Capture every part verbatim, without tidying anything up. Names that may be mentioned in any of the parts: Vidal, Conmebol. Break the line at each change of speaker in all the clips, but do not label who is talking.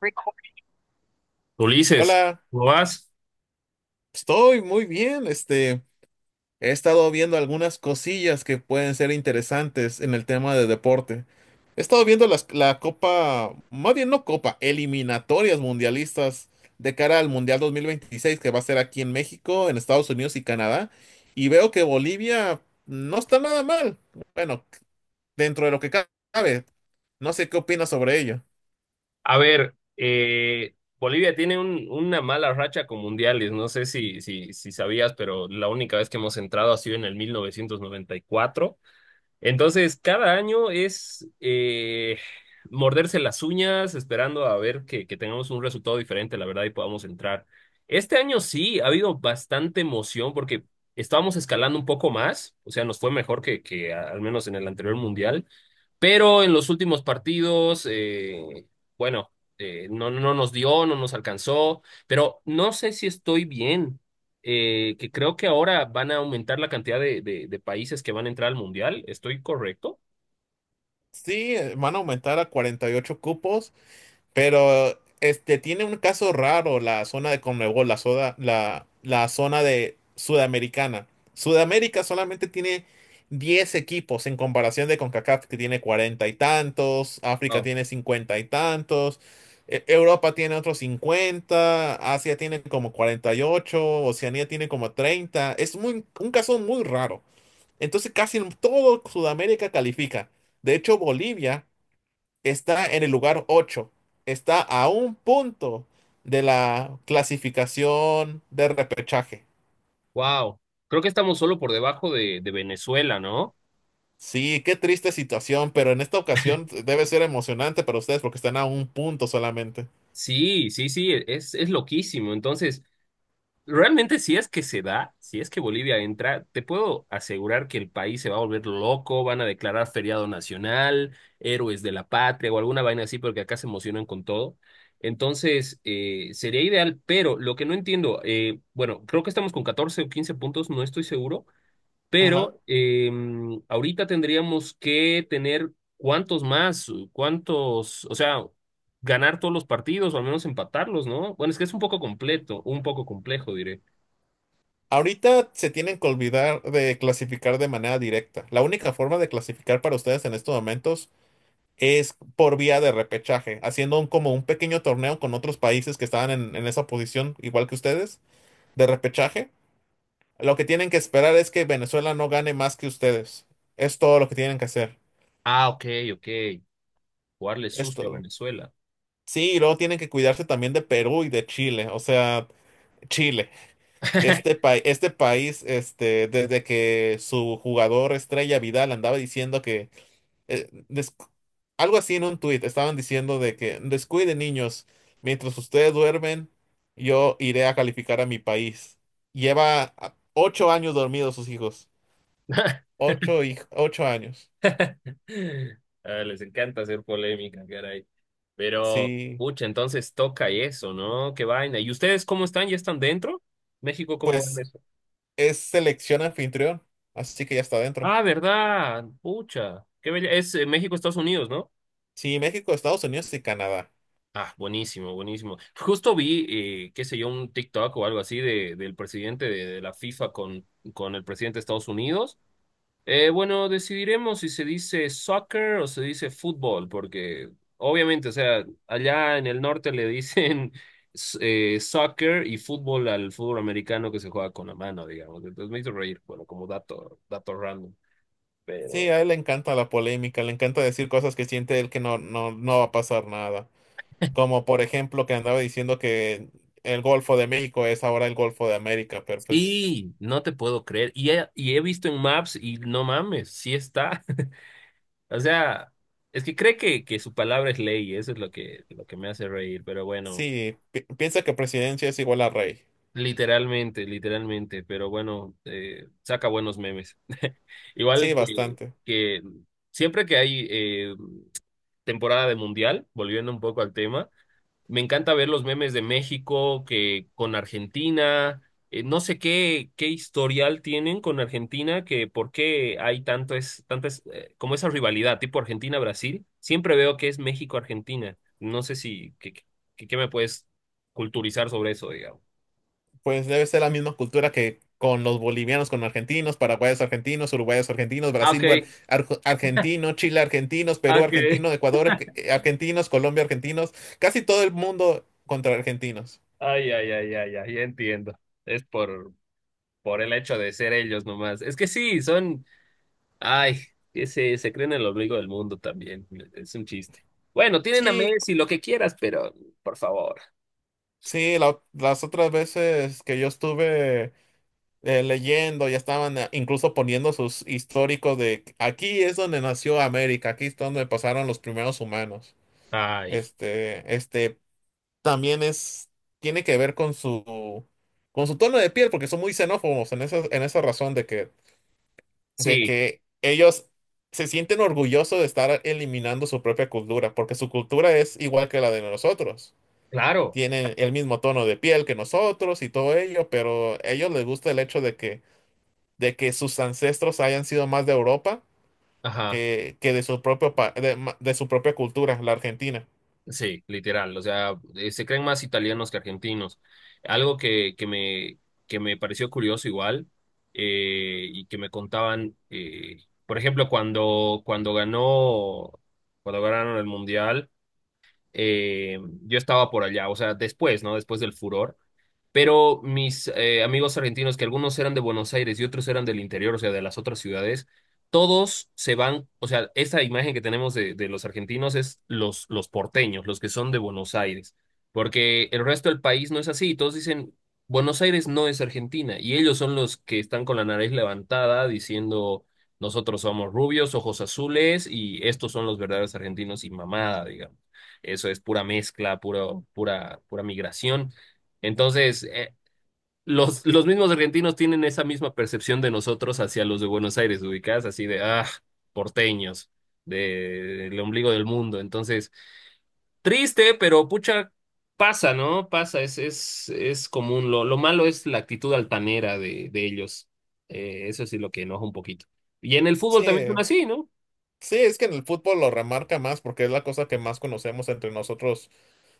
Record. Ulises,
Hola,
¿cómo vas?
estoy muy bien. Este, he estado viendo algunas cosillas que pueden ser interesantes en el tema de deporte. He estado viendo las- la Copa, más bien no Copa, eliminatorias mundialistas de cara al Mundial dos mil veintiséis que va a ser aquí en México, en Estados Unidos y Canadá. Y veo que Bolivia no está nada mal. Bueno, dentro de lo que ca- cabe. No sé qué opinas sobre ello.
A ver, eh, Bolivia tiene un- una mala racha con mundiales. No sé si, si, si sabías, pero la única vez que hemos entrado ha sido en el mil novecientos noventa y cuatro. Entonces, cada año es eh, morderse las uñas, esperando a ver que, que tengamos un resultado diferente, la verdad, y podamos entrar. Este año sí, ha habido bastante emoción porque estábamos escalando un poco más, o sea, nos fue mejor que, que a- al menos en el anterior mundial. Pero en los últimos partidos, eh, bueno, eh, no, no nos dio, no nos alcanzó, pero no sé si estoy bien, eh, que creo que ahora van a aumentar la cantidad de, de, de países que van a entrar al Mundial. ¿Estoy correcto?
Sí, eh, van a aumentar a cuarenta y ocho cupos. Pero este tiene un caso raro la zona de Conmebol, la, soda- la, la zona de Sudamericana. Sudamérica solamente tiene diez equipos en comparación de CONCACAF, que tiene cuarenta y tantos, África
Wow.
tiene cincuenta y tantos, E- Europa tiene otros cincuenta. Asia tiene como cuarenta y ocho. Oceanía tiene como treinta. Es muy, un caso muy raro. Entonces casi todo Sudamérica califica. De hecho, Bolivia está en el lugar ocho. Está a un punto de la clasificación de repechaje.
Wow, creo que estamos solo por debajo de, de Venezuela, ¿no?
Sí, qué triste situación, pero en esta ocasión debe ser emocionante para ustedes porque están a un punto solamente.
Sí, sí, sí, es, es loquísimo. Entonces, realmente, si es que se da, si es que Bolivia entra, te puedo asegurar que el país se va a volver loco, van a declarar feriado nacional, héroes de la patria o alguna vaina así, porque acá se emocionan con todo. Entonces, eh, sería ideal, pero lo que no entiendo, eh, bueno, creo que estamos con catorce o quince puntos, no estoy seguro,
Ajá.
pero eh, ahorita tendríamos que tener cuántos más, cuántos, o sea, ganar todos los partidos o al menos empatarlos, ¿no? Bueno, es que es un poco completo, un poco complejo, diré.
Ahorita se tienen que olvidar de clasificar de manera directa. La única forma de clasificar para ustedes en estos momentos es por vía de repechaje, haciendo un- como un pequeño torneo con otros países que estaban en en esa posición, igual que ustedes, de repechaje. Lo que tienen que esperar es que Venezuela no gane más que ustedes. Es todo lo que tienen que hacer.
Ah, ok, ok. Jugarle
Es
sucio a
todo.
Venezuela.
Sí, y luego tienen que cuidarse también de Perú y de Chile. O sea, Chile. Este país, este país, este, desde que su jugador estrella Vidal andaba diciendo que eh, des- algo así en un tuit, estaban diciendo de que descuiden niños, mientras ustedes duermen, yo iré a calificar a mi país. Lleva ah, ocho años dormidos sus hijos. Ocho, hij- ocho años.
Ah, les encanta hacer polémica, caray. Pero,
Sí.
pucha, entonces toca eso, ¿no? Qué vaina. ¿Y ustedes cómo están? ¿Ya están dentro? ¿México cómo va en
Pues
eso?
es selección anfitrión, así que ya está dentro.
Ah, ¿verdad? Pucha. Qué bella. Es eh, México, Estados Unidos, ¿no?
Sí, México, Estados Unidos y Canadá.
Ah, buenísimo, buenísimo. Justo vi, eh, qué sé yo, un TikTok o algo así de, del presidente de, de la FIFA con, con el presidente de Estados Unidos. Eh, bueno, decidiremos si se dice soccer o se dice fútbol, porque obviamente, o sea, allá en el norte le dicen s- eh, soccer y fútbol al fútbol americano que se juega con la mano, digamos. Entonces me hizo reír, bueno, como dato, dato random,
Sí, a
pero
él le encanta la polémica, le encanta decir cosas que siente él que no, no, no va a pasar nada. Como por ejemplo que andaba diciendo que el Golfo de México es ahora el Golfo de América, pero pues
sí, no te puedo creer. Y he, y he visto en Maps y no mames, sí está. O sea, es que cree que, que su palabra es ley, eso es lo que, lo que me hace reír, pero bueno.
sí, pi- piensa que presidencia es igual a rey.
Literalmente, literalmente, pero bueno, eh, saca buenos memes.
Sí,
Igual que,
bastante.
que siempre que hay eh, temporada de mundial, volviendo un poco al tema, me encanta ver los memes de México que con Argentina, eh, no sé qué, qué historial tienen con Argentina, que por qué hay tanto es, tanto es, eh, como esa rivalidad tipo Argentina-Brasil, siempre veo que es México-Argentina. No sé si, qué, qué qué me puedes culturizar sobre eso, digamos.
Pues debe ser la misma cultura que con los bolivianos, con argentinos, paraguayos argentinos, uruguayos argentinos,
Ah, ok.
Brasil bar- arg- argentino, Chile argentinos, Perú
Okay.
argentino, Ecuador arg- eh, argentinos, Colombia argentinos, casi todo el mundo contra argentinos.
Ay, ay, ay, ay, ay, ya entiendo. Es por, por el hecho de ser ellos nomás. Es que sí, son, ay, que se, se creen el ombligo del mundo también. Es un chiste. Bueno, tienen a
Sí,
Messi, lo que quieras, pero por favor.
sí, la- las otras veces que yo estuve eh, leyendo, ya estaban eh, incluso poniendo sus históricos de aquí es donde nació América, aquí es donde pasaron los primeros humanos.
Ay,
Este, este también es, tiene que ver con su, con su tono de piel, porque son muy xenófobos en esa, en esa razón de que, de
sí,
que ellos se sienten orgullosos de estar eliminando su propia cultura, porque su cultura es igual que la de nosotros.
claro.
Tienen el mismo tono de piel que nosotros y todo ello, pero a ellos les gusta el hecho de que, de que sus ancestros hayan sido más de Europa
Ajá.
que, que de su propio pa- de, ma- de su propia cultura, la Argentina.
Sí, literal. O sea, eh, se creen más italianos que argentinos. Algo que, que me, que me pareció curioso igual eh, y que me contaban, eh, por ejemplo, cuando, cuando ganó, cuando ganaron el Mundial, eh, yo estaba por allá, o sea, después, ¿no? Después del furor. Pero mis eh, amigos argentinos, que algunos eran de Buenos Aires y otros eran del interior, o sea, de las otras ciudades, todos se van, o sea, esta imagen que tenemos de, de los argentinos es los, los porteños, los que son de Buenos Aires, porque el resto del país no es así, todos dicen, Buenos Aires no es Argentina, y ellos son los que están con la nariz levantada diciendo, nosotros somos rubios, ojos azules, y estos son los verdaderos argentinos y mamada, digamos. Eso es pura mezcla, puro, pura, pura migración. Entonces, eh, los, los mismos argentinos tienen esa misma percepción de nosotros hacia los de Buenos Aires, ubicadas así de, ah, porteños, de, el ombligo del mundo. Entonces, triste, pero pucha, pasa, ¿no? Pasa, es, es, es común. Lo, lo malo es la actitud altanera de, de ellos. Eh, eso sí lo que enoja un poquito. Y en el
Sí,
fútbol también son así, ¿no?
sí, es que en el fútbol lo remarca más porque es la cosa que más conocemos entre nosotros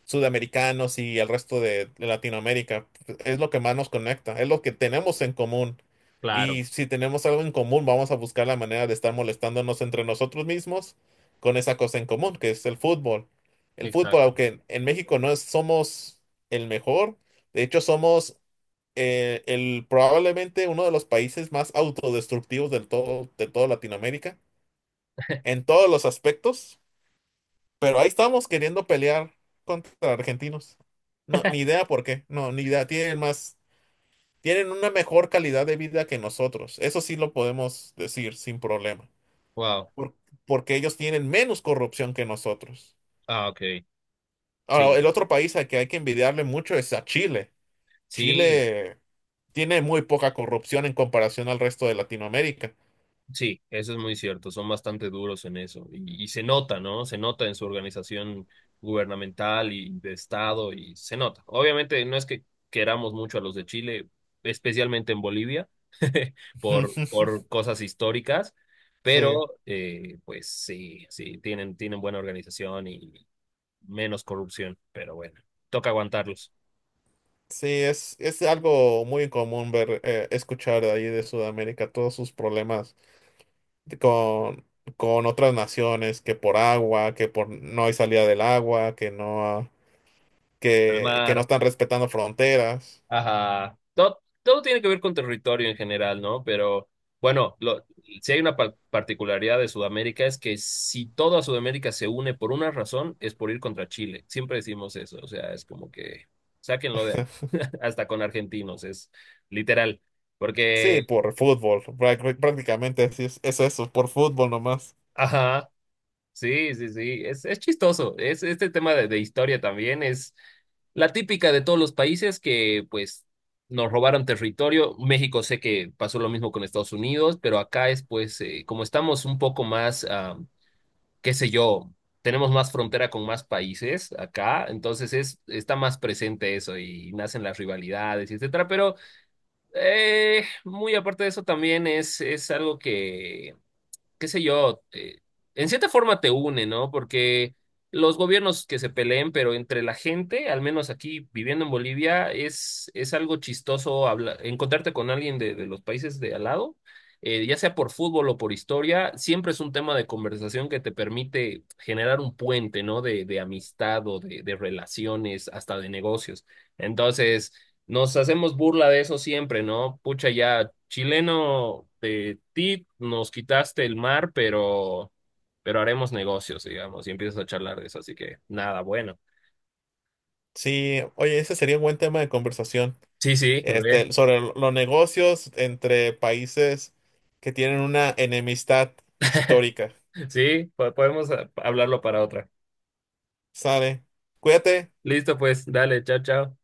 sudamericanos y el resto de de Latinoamérica. Es lo que más nos conecta, es lo que tenemos en común.
Claro,
Y si tenemos algo en común, vamos a buscar la manera de estar molestándonos entre nosotros mismos con esa cosa en común, que es el fútbol. El fútbol,
exacto.
aunque en en México no es- somos el mejor, de hecho somos eh, el, probablemente uno de los países más autodestructivos del todo, de toda Latinoamérica en todos los aspectos, pero ahí estamos queriendo pelear contra argentinos. No, ni idea por qué, no, ni idea, tienen más, tienen una mejor calidad de vida que nosotros, eso sí lo podemos decir sin problema,
Wow.
por- porque ellos tienen menos corrupción que nosotros.
Ah, ok. Sí,
Ahora, el otro país al que hay que envidiarle mucho es a Chile.
sí.
Chile tiene muy poca corrupción en comparación al resto de Latinoamérica.
Sí, eso es muy cierto, son bastante duros en eso y, y se nota, ¿no? Se nota en su organización gubernamental y de Estado y se nota. Obviamente no es que queramos mucho a los de Chile, especialmente en Bolivia, por, por cosas históricas,
Sí.
pero eh, pues sí, sí, tienen, tienen buena organización y menos corrupción, pero bueno, toca aguantarlos.
Sí, es, es algo muy común ver, eh, escuchar de ahí de Sudamérica todos sus problemas de- con, con otras naciones, que por agua, que por no hay salida del agua, que no, que, que no
Palmar.
están respetando fronteras.
Ajá. Todo, todo tiene que ver con territorio en general, ¿no? Pero bueno, lo, si hay una par- particularidad de Sudamérica es que si toda Sudamérica se une por una razón, es por ir contra Chile. Siempre decimos eso, o sea, es como que sáquenlo de ahí, hasta con argentinos, es literal.
Sí,
Porque,
por fútbol, práct- prácticamente así es, es eso, por fútbol nomás.
ajá, sí, sí, sí, es, es chistoso. Es, este tema de, de historia también es la típica de todos los países que pues nos robaron territorio. México sé que pasó lo mismo con Estados Unidos, pero acá es pues eh, como estamos un poco más, ah, qué sé yo, tenemos más frontera con más países acá, entonces es, está más presente eso y nacen las rivalidades, etcétera, pero eh, muy aparte de eso también es, es algo que qué sé yo, te- en cierta forma te une, ¿no? Porque los gobiernos que se peleen, pero entre la gente, al menos aquí viviendo en Bolivia, es, es algo chistoso habla- encontrarte con alguien de, de los países de al lado, eh, ya sea por fútbol o por historia, siempre es un tema de conversación que te permite generar un puente, ¿no? De, de amistad o de, de relaciones, hasta de negocios. Entonces. Nos hacemos burla de eso siempre, ¿no? Pucha, ya, chileno de ti, nos quitaste el mar, pero, pero haremos negocios, digamos, y empiezas a charlar de eso, así que nada, bueno.
Sí, oye, ese sería un buen tema de conversación,
Sí, sí, re.
este, sobre lo- los negocios entre países que tienen una enemistad histórica.
Sí, po- podemos ah, hablarlo para otra.
Sale. Cuídate.
Listo, pues, dale, chao, chao.